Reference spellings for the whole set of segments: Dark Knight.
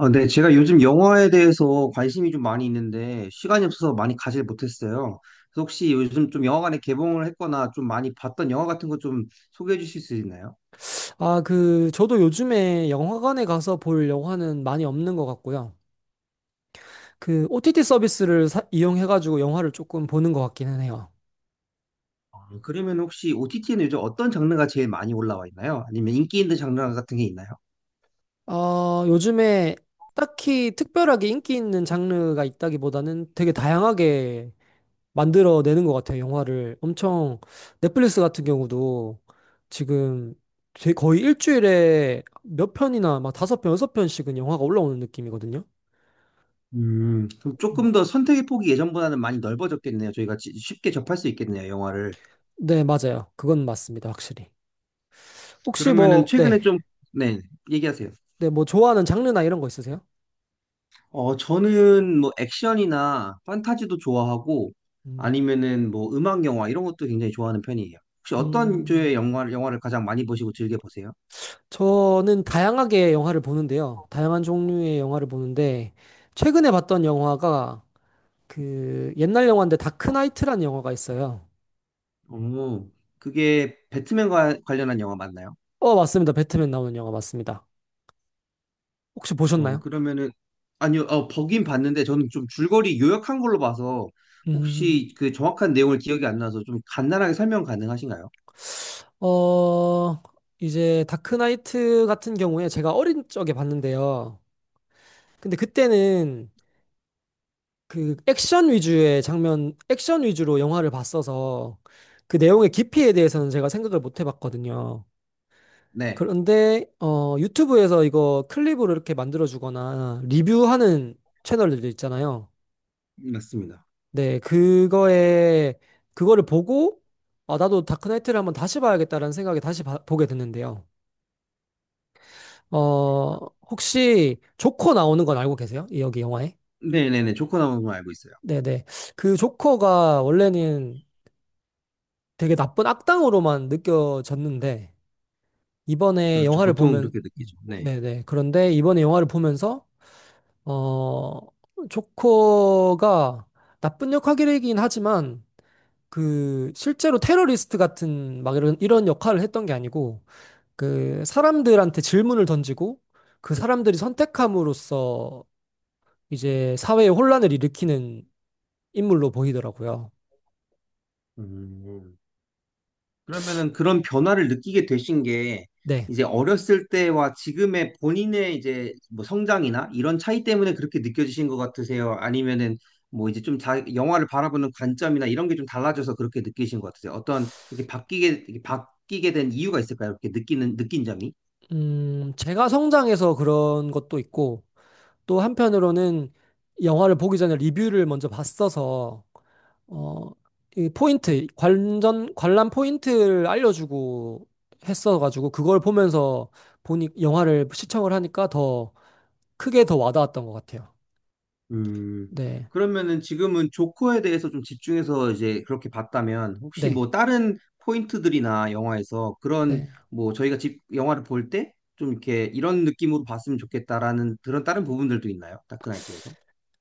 아, 네, 제가 요즘 영화에 대해서 관심이 좀 많이 있는데 시간이 없어서 많이 가질 못했어요. 그래서 혹시 요즘 좀 영화관에 개봉을 했거나 좀 많이 봤던 영화 같은 거 좀 소개해 주실 수 있나요? 아, 저도 요즘에 영화관에 가서 볼 영화는 많이 없는 것 같고요. OTT 서비스를 이용해가지고 영화를 조금 보는 것 같기는 해요. 아, 그러면 혹시 OTT에는 요즘 어떤 장르가 제일 많이 올라와 있나요? 아니면 인기 있는 장르 같은 게 있나요? 요즘에 딱히 특별하게 인기 있는 장르가 있다기보다는 되게 다양하게 만들어내는 것 같아요, 영화를. 엄청, 넷플릭스 같은 경우도 지금 거의 일주일에 몇 편이나 막 5편, 6편씩은 영화가 올라오는 느낌이거든요. 그럼 네, 조금 더 선택의 폭이 예전보다는 많이 넓어졌겠네요. 저희가 쉽게 접할 수 있겠네요, 영화를. 네, 맞아요. 그건 맞습니다, 확실히. 혹시 그러면은 뭐, 네. 최근에 좀, 네, 얘기하세요. 네, 뭐 좋아하는 장르나 이런 거 있으세요? 어, 저는 뭐 액션이나 판타지도 좋아하고 음, 아니면은 뭐 음악 영화 이런 것도 굉장히 좋아하는 편이에요. 혹시 어떤 조의 음, 영화를 가장 많이 보시고 즐겨 보세요? 저는 다양하게 영화를 보는데요. 다양한 종류의 영화를 보는데 최근에 봤던 영화가 그 옛날 영화인데 다크나이트라는 영화가 있어요. 어, 그게 배트맨과 관련한 영화 맞나요? 맞습니다. 배트맨 나오는 영화 맞습니다. 혹시 어, 보셨나요? 그러면은 아니요, 어, 보긴 봤는데 저는 좀 줄거리 요약한 걸로 봐서 음, 혹시 그 정확한 내용을 기억이 안 나서 좀 간단하게 설명 가능하신가요? 어, 이제 다크나이트 같은 경우에 제가 어린 적에 봤는데요. 근데 그때는 그 액션 위주의 장면, 액션 위주로 영화를 봤어서 그 내용의 깊이에 대해서는 제가 생각을 못 해봤거든요. 네, 그런데 유튜브에서 이거 클립으로 이렇게 만들어주거나 리뷰하는 채널들 있잖아요. 맞습니다. 네, 그거에 그거를 보고 아, 나도 다크나이트를 한번 다시 봐야겠다라는 생각에 다시 보게 됐는데요. 어, 혹시 조커 나오는 건 알고 계세요? 이 여기 영화에? 네네네, 조커 나오는 걸 알고 있어요. 네네. 그 조커가 원래는 되게 나쁜 악당으로만 느껴졌는데 이번에 그렇죠, 영화를 보통 보면 그렇게 느끼죠. 네. 네네. 그런데 이번에 영화를 보면서 어 조커가 나쁜 역할이긴 하지만 그 실제로 테러리스트 같은 막 이런 역할을 했던 게 아니고 그 사람들한테 질문을 던지고 그 사람들이 선택함으로써 이제 사회에 혼란을 일으키는 인물로 보이더라고요. 음. 그러면은 그런 변화를 느끼게 되신 게 네. 이제 어렸을 때와 지금의 본인의 이제 뭐 성장이나 이런 차이 때문에 그렇게 느껴지신 것 같으세요? 아니면은 뭐 이제 영화를 바라보는 관점이나 이런 게 좀 달라져서 그렇게 느끼신 것 같으세요? 어떤 그렇게 바뀌게 이렇게 바뀌게 된 이유가 있을까요? 이렇게 느끼는 느낀 점이? 제가 성장해서 그런 것도 있고 또 한편으로는 영화를 보기 전에 리뷰를 먼저 봤어서 어, 이 포인트, 관전, 관람 포인트를 알려주고 했어가지고 그걸 보면서 보니 영화를 시청을 하니까 더 크게 더 와닿았던 것 같아요. 음, 네, 그러면은 지금은 조커에 대해서 좀 집중해서 이제 그렇게 봤다면 혹시 네, 뭐 다른 포인트들이나 영화에서 그런 네. 뭐 저희가 집 영화를 볼 때 좀 이렇게 이런 느낌으로 봤으면 좋겠다라는 그런 다른 부분들도 있나요? 다크나이트에서?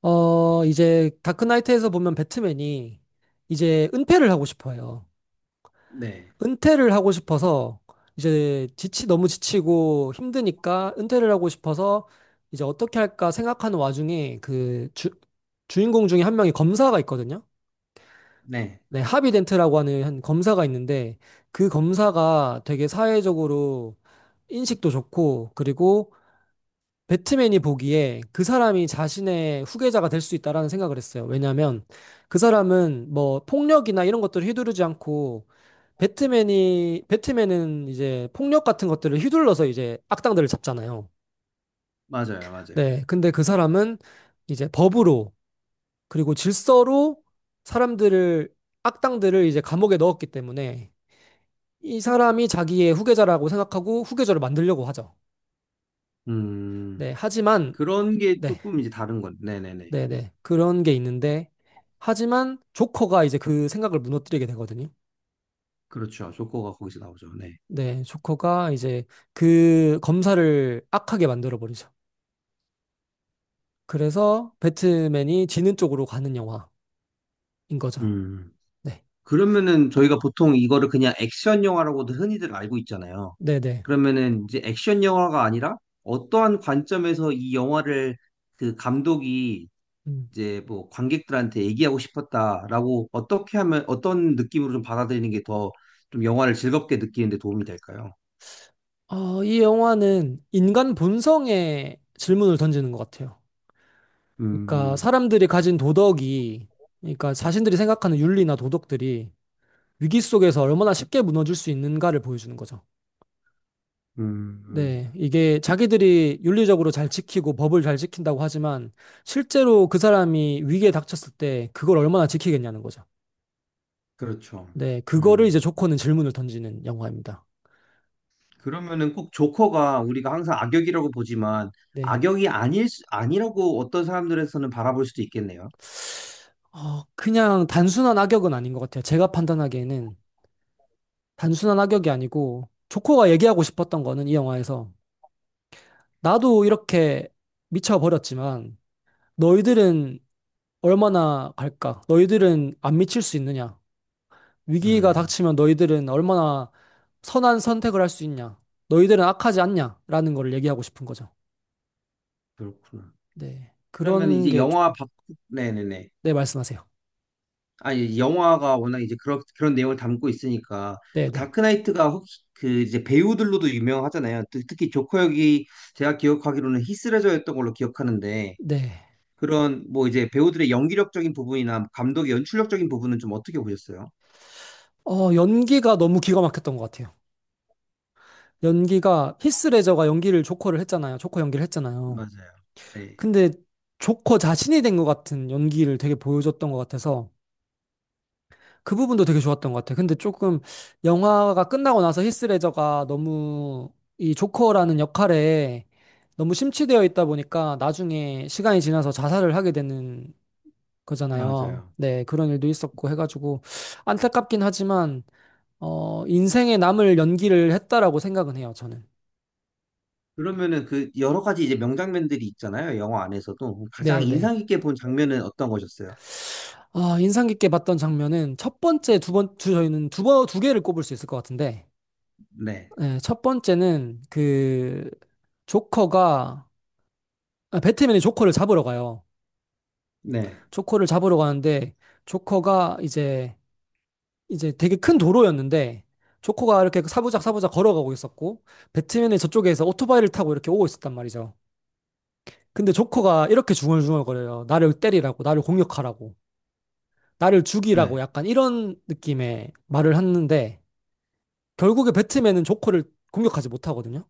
이제 다크나이트에서 보면 배트맨이 이제 은폐를 하고 싶어요. 네, 은퇴를 하고 싶어서 이제 지치 너무 지치고 힘드니까 은퇴를 하고 싶어서 이제 어떻게 할까 생각하는 와중에 그 주인공 중에 1명이 검사가 있거든요. 네, 네, 하비덴트라고 하는 한 검사가 있는데 그 검사가 되게 사회적으로 인식도 좋고 그리고 배트맨이 보기에 그 사람이 자신의 후계자가 될 수 있다라는 생각을 했어요. 왜냐하면 그 사람은 뭐 폭력이나 이런 것들을 휘두르지 않고 배트맨이 배트맨은 이제 폭력 같은 것들을 휘둘러서 이제 악당들을 잡잖아요. 맞아요, 맞아요. 네, 근데 그 사람은 이제 법으로 그리고 질서로 사람들을 악당들을 이제 감옥에 넣었기 때문에 이 사람이 자기의 후계자라고 생각하고 후계자를 만들려고 하죠. 음, 네, 하지만 그런 게 네. 조금 이제 다른 건, 네네네. 네네. 그런 게 있는데, 하지만 조커가 이제 그 생각을 무너뜨리게 되거든요. 그렇죠. 조커가 거기서 나오죠. 네. 네, 조커가 이제 그 검사를 악하게 만들어버리죠. 그래서 배트맨이 지는 쪽으로 가는 영화인 거죠. 음. 네, 그러면은 저희가 보통 이거를 그냥 액션 영화라고도 흔히들 알고 있잖아요. 네네. 그러면은 이제 액션 영화가 아니라 어떠한 관점에서 이 영화를 그 감독이 음. 이제 뭐 관객들한테 얘기하고 싶었다라고 어떻게 하면 어떤 느낌으로 좀 받아들이는 게 더 좀 영화를 즐겁게 느끼는 데 도움이 될까요? 이 영화는 인간 본성에 질문을 던지는 것 같아요. 그러니까 음, 사람들이 가진 도덕이, 그러니까 자신들이 생각하는 윤리나 도덕들이 위기 속에서 얼마나 쉽게 무너질 수 있는가를 보여주는 거죠. 음, 음, 네, 이게 자기들이 윤리적으로 잘 지키고 법을 잘 지킨다고 하지만 실제로 그 사람이 위기에 닥쳤을 때 그걸 얼마나 지키겠냐는 거죠. 그렇죠. 네, 그거를 이제 음. 조커는 질문을 던지는 영화입니다. 그러면은 꼭 조커가 우리가 항상 악역이라고 보지만 네, 아니라고 어떤 사람들에서는 바라볼 수도 있겠네요. 그냥 단순한 악역은 아닌 것 같아요. 제가 판단하기에는 단순한 악역이 아니고 조커가 얘기하고 싶었던 거는 이 영화에서 나도 이렇게 미쳐버렸지만 너희들은 얼마나 갈까? 너희들은 안 미칠 수 있느냐? 위기가 음, 닥치면 너희들은 얼마나 선한 선택을 할 수 있냐? 너희들은 악하지 않냐? 라는 걸 얘기하고 싶은 거죠. 그렇구나. 네. 그러면 그런 이제 게 영화 조금, 밖, 네네네. 네, 말씀하세요. 아니, 영화가 워낙 이제 그런 내용을 담고 있으니까, 네네. 또 네. 다크나이트가 혹시 그 이제 배우들로도 유명하잖아요. 특히 조커 역이 제가 기억하기로는 히스레저였던 걸로 기억하는데, 네. 그런 뭐 이제 배우들의 연기력적인 부분이나 감독의 연출력적인 부분은 좀 어떻게 보셨어요? 연기가 너무 기가 막혔던 것 같아요. 연기가, 히스레저가 연기를 조커를 했잖아요. 조커 연기를 했잖아요. 맞아요. 네, 근데 조커 자신이 된 것 같은 연기를 되게 보여줬던 것 같아서 그 부분도 되게 좋았던 것 같아. 근데 조금 영화가 끝나고 나서 히스 레저가 너무 이 조커라는 역할에 너무 심취되어 있다 보니까 나중에 시간이 지나서 자살을 하게 되는 거잖아요. 맞아요. 네, 그런 일도 있었고 해가지고 안타깝긴 하지만 인생에 남을 연기를 했다라고 생각은 해요, 저는. 그러면은 그 여러 가지 이제 명장면들이 있잖아요. 영화 안에서도. 가장 네, 네. 인상 깊게 본 장면은 어떤 거셨어요? 아, 인상 깊게 봤던 장면은 첫 번째, 저희는 2개를 꼽을 수 있을 것 같은데, 네, 네, 첫 번째는 그 조커가 아, 배트맨이 조커를 잡으러 가요. 네. 조커를 잡으러 가는데 조커가 이제 되게 큰 도로였는데 조커가 이렇게 사부작 사부작 걸어가고 있었고 배트맨이 저쪽에서 오토바이를 타고 이렇게 오고 있었단 말이죠. 근데 조커가 이렇게 중얼중얼거려요. 나를 때리라고, 나를 공격하라고, 나를 죽이라고 네. 약간 이런 느낌의 말을 하는데 결국에 배트맨은 조커를 공격하지 못하거든요.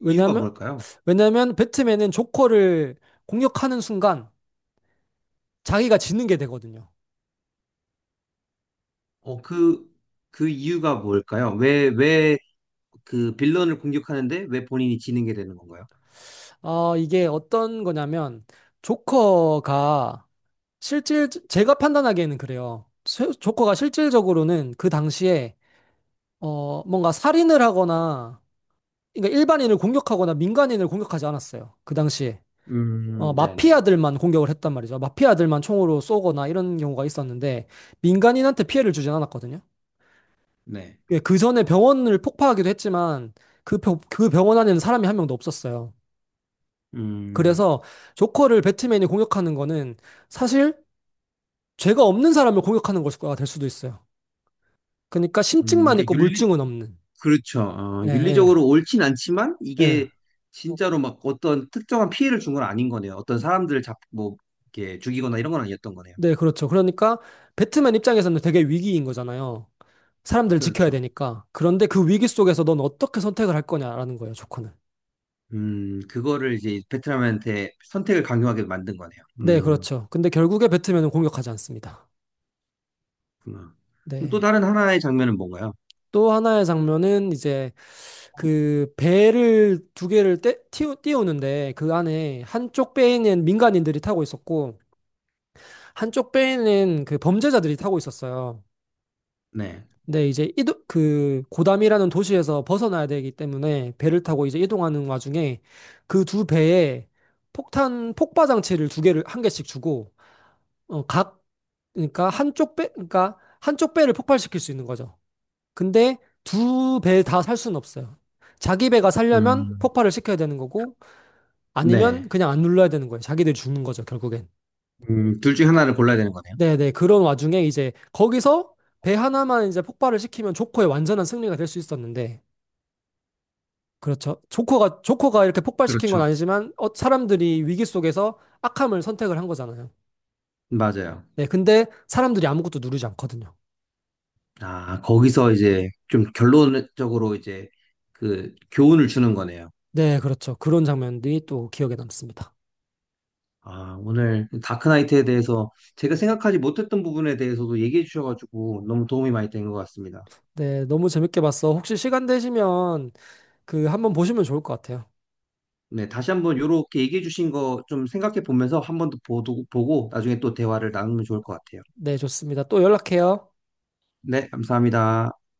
이유가 왜냐면 뭘까요? 왜냐면 배트맨은 조커를 공격하는 순간 자기가 지는 게 되거든요. 어, 그, 그 이유가 뭘까요? 왜, 왜 그 빌런을 공격하는데 왜 본인이 지는 게 되는 건가요? 이게 어떤 거냐면, 조커가 제가 판단하기에는 그래요. 조커가 실질적으로는 그 당시에, 뭔가 살인을 하거나, 그러니까 일반인을 공격하거나 민간인을 공격하지 않았어요. 그 당시에. 네네. 마피아들만 공격을 했단 말이죠. 마피아들만 총으로 쏘거나 이런 경우가 있었는데, 민간인한테 피해를 주진 않았거든요. 네. 예, 그 전에 병원을 폭파하기도 했지만, 그 병원 안에는 사람이 1명도 없었어요. 음, 그래서 조커를 배트맨이 공격하는 거는 사실 죄가 없는 사람을 공격하는 것과 될 수도 있어요. 그러니까 심증만 그러니까 있고 윤리, 물증은 없는. 그렇죠. 어, 예, 예, 윤리적으로 옳진 않지만 예. 이게 진짜로 막 어떤 특정한 피해를 준 건 아닌 거네요. 어떤 이렇게 죽이거나 이런 건 아니었던 거네요. 네, 그렇죠. 그러니까 배트맨 입장에서는 되게 위기인 거잖아요. 사람들을 지켜야 그렇죠. 되니까. 그런데 그 위기 속에서 넌 어떻게 선택을 할 거냐라는 거예요, 조커는. 그거를 이제 베트남한테 선택을 강요하게 만든 거네요. 네, 그렇죠. 근데 결국에 배트맨은 공격하지 않습니다. 그렇구나. 그럼 또 네. 다른 하나의 장면은 뭔가요? 또 하나의 장면은 이제 그 배를 2개를 띄우는데 그 안에 한쪽 배에는 민간인들이 타고 있었고 한쪽 배에는 그 범죄자들이 타고 있었어요. 네. 근데 이제 그 고담이라는 도시에서 벗어나야 되기 때문에 배를 타고 이제 이동하는 와중에 그 두 배에 폭탄 폭발 장치를 2개를 1개씩 주고 어, 각 그러니까 한쪽 배 그러니까 한쪽 배를 폭발시킬 수 있는 거죠. 근데 두 배 다 살 수는 없어요. 자기 배가 살려면 음, 폭발을 시켜야 되는 거고 아니면 네. 그냥 안 눌러야 되는 거예요. 자기들이 죽는 거죠, 결국엔. 둘 중에 하나를 골라야 되는 거네요. 네네. 그런 와중에 이제 거기서 배 하나만 이제 폭발을 시키면 조커의 완전한 승리가 될 수 있었는데, 그렇죠. 조커가 이렇게 폭발시킨 건 그렇죠. 아니지만, 어, 사람들이 위기 속에서 악함을 선택을 한 거잖아요. 맞아요. 네. 근데 사람들이 아무것도 누르지 않거든요. 아, 거기서 이제 좀 결론적으로 이제 그 교훈을 주는 거네요. 네, 그렇죠. 그런 장면들이 또 기억에 남습니다. 아, 오늘 다크나이트에 대해서 제가 생각하지 못했던 부분에 대해서도 얘기해 주셔가지고 너무 도움이 많이 된 것 같습니다. 네, 너무 재밌게 봤어. 혹시 시간 되시면 그 한번 보시면 좋을 것 같아요. 네, 다시 한번 요렇게 얘기해 주신 거 좀 생각해 보면서 한 번 더 보고 나중에 또 대화를 나누면 좋을 것 같아요. 네, 좋습니다. 또 연락해요. 네, 감사합니다.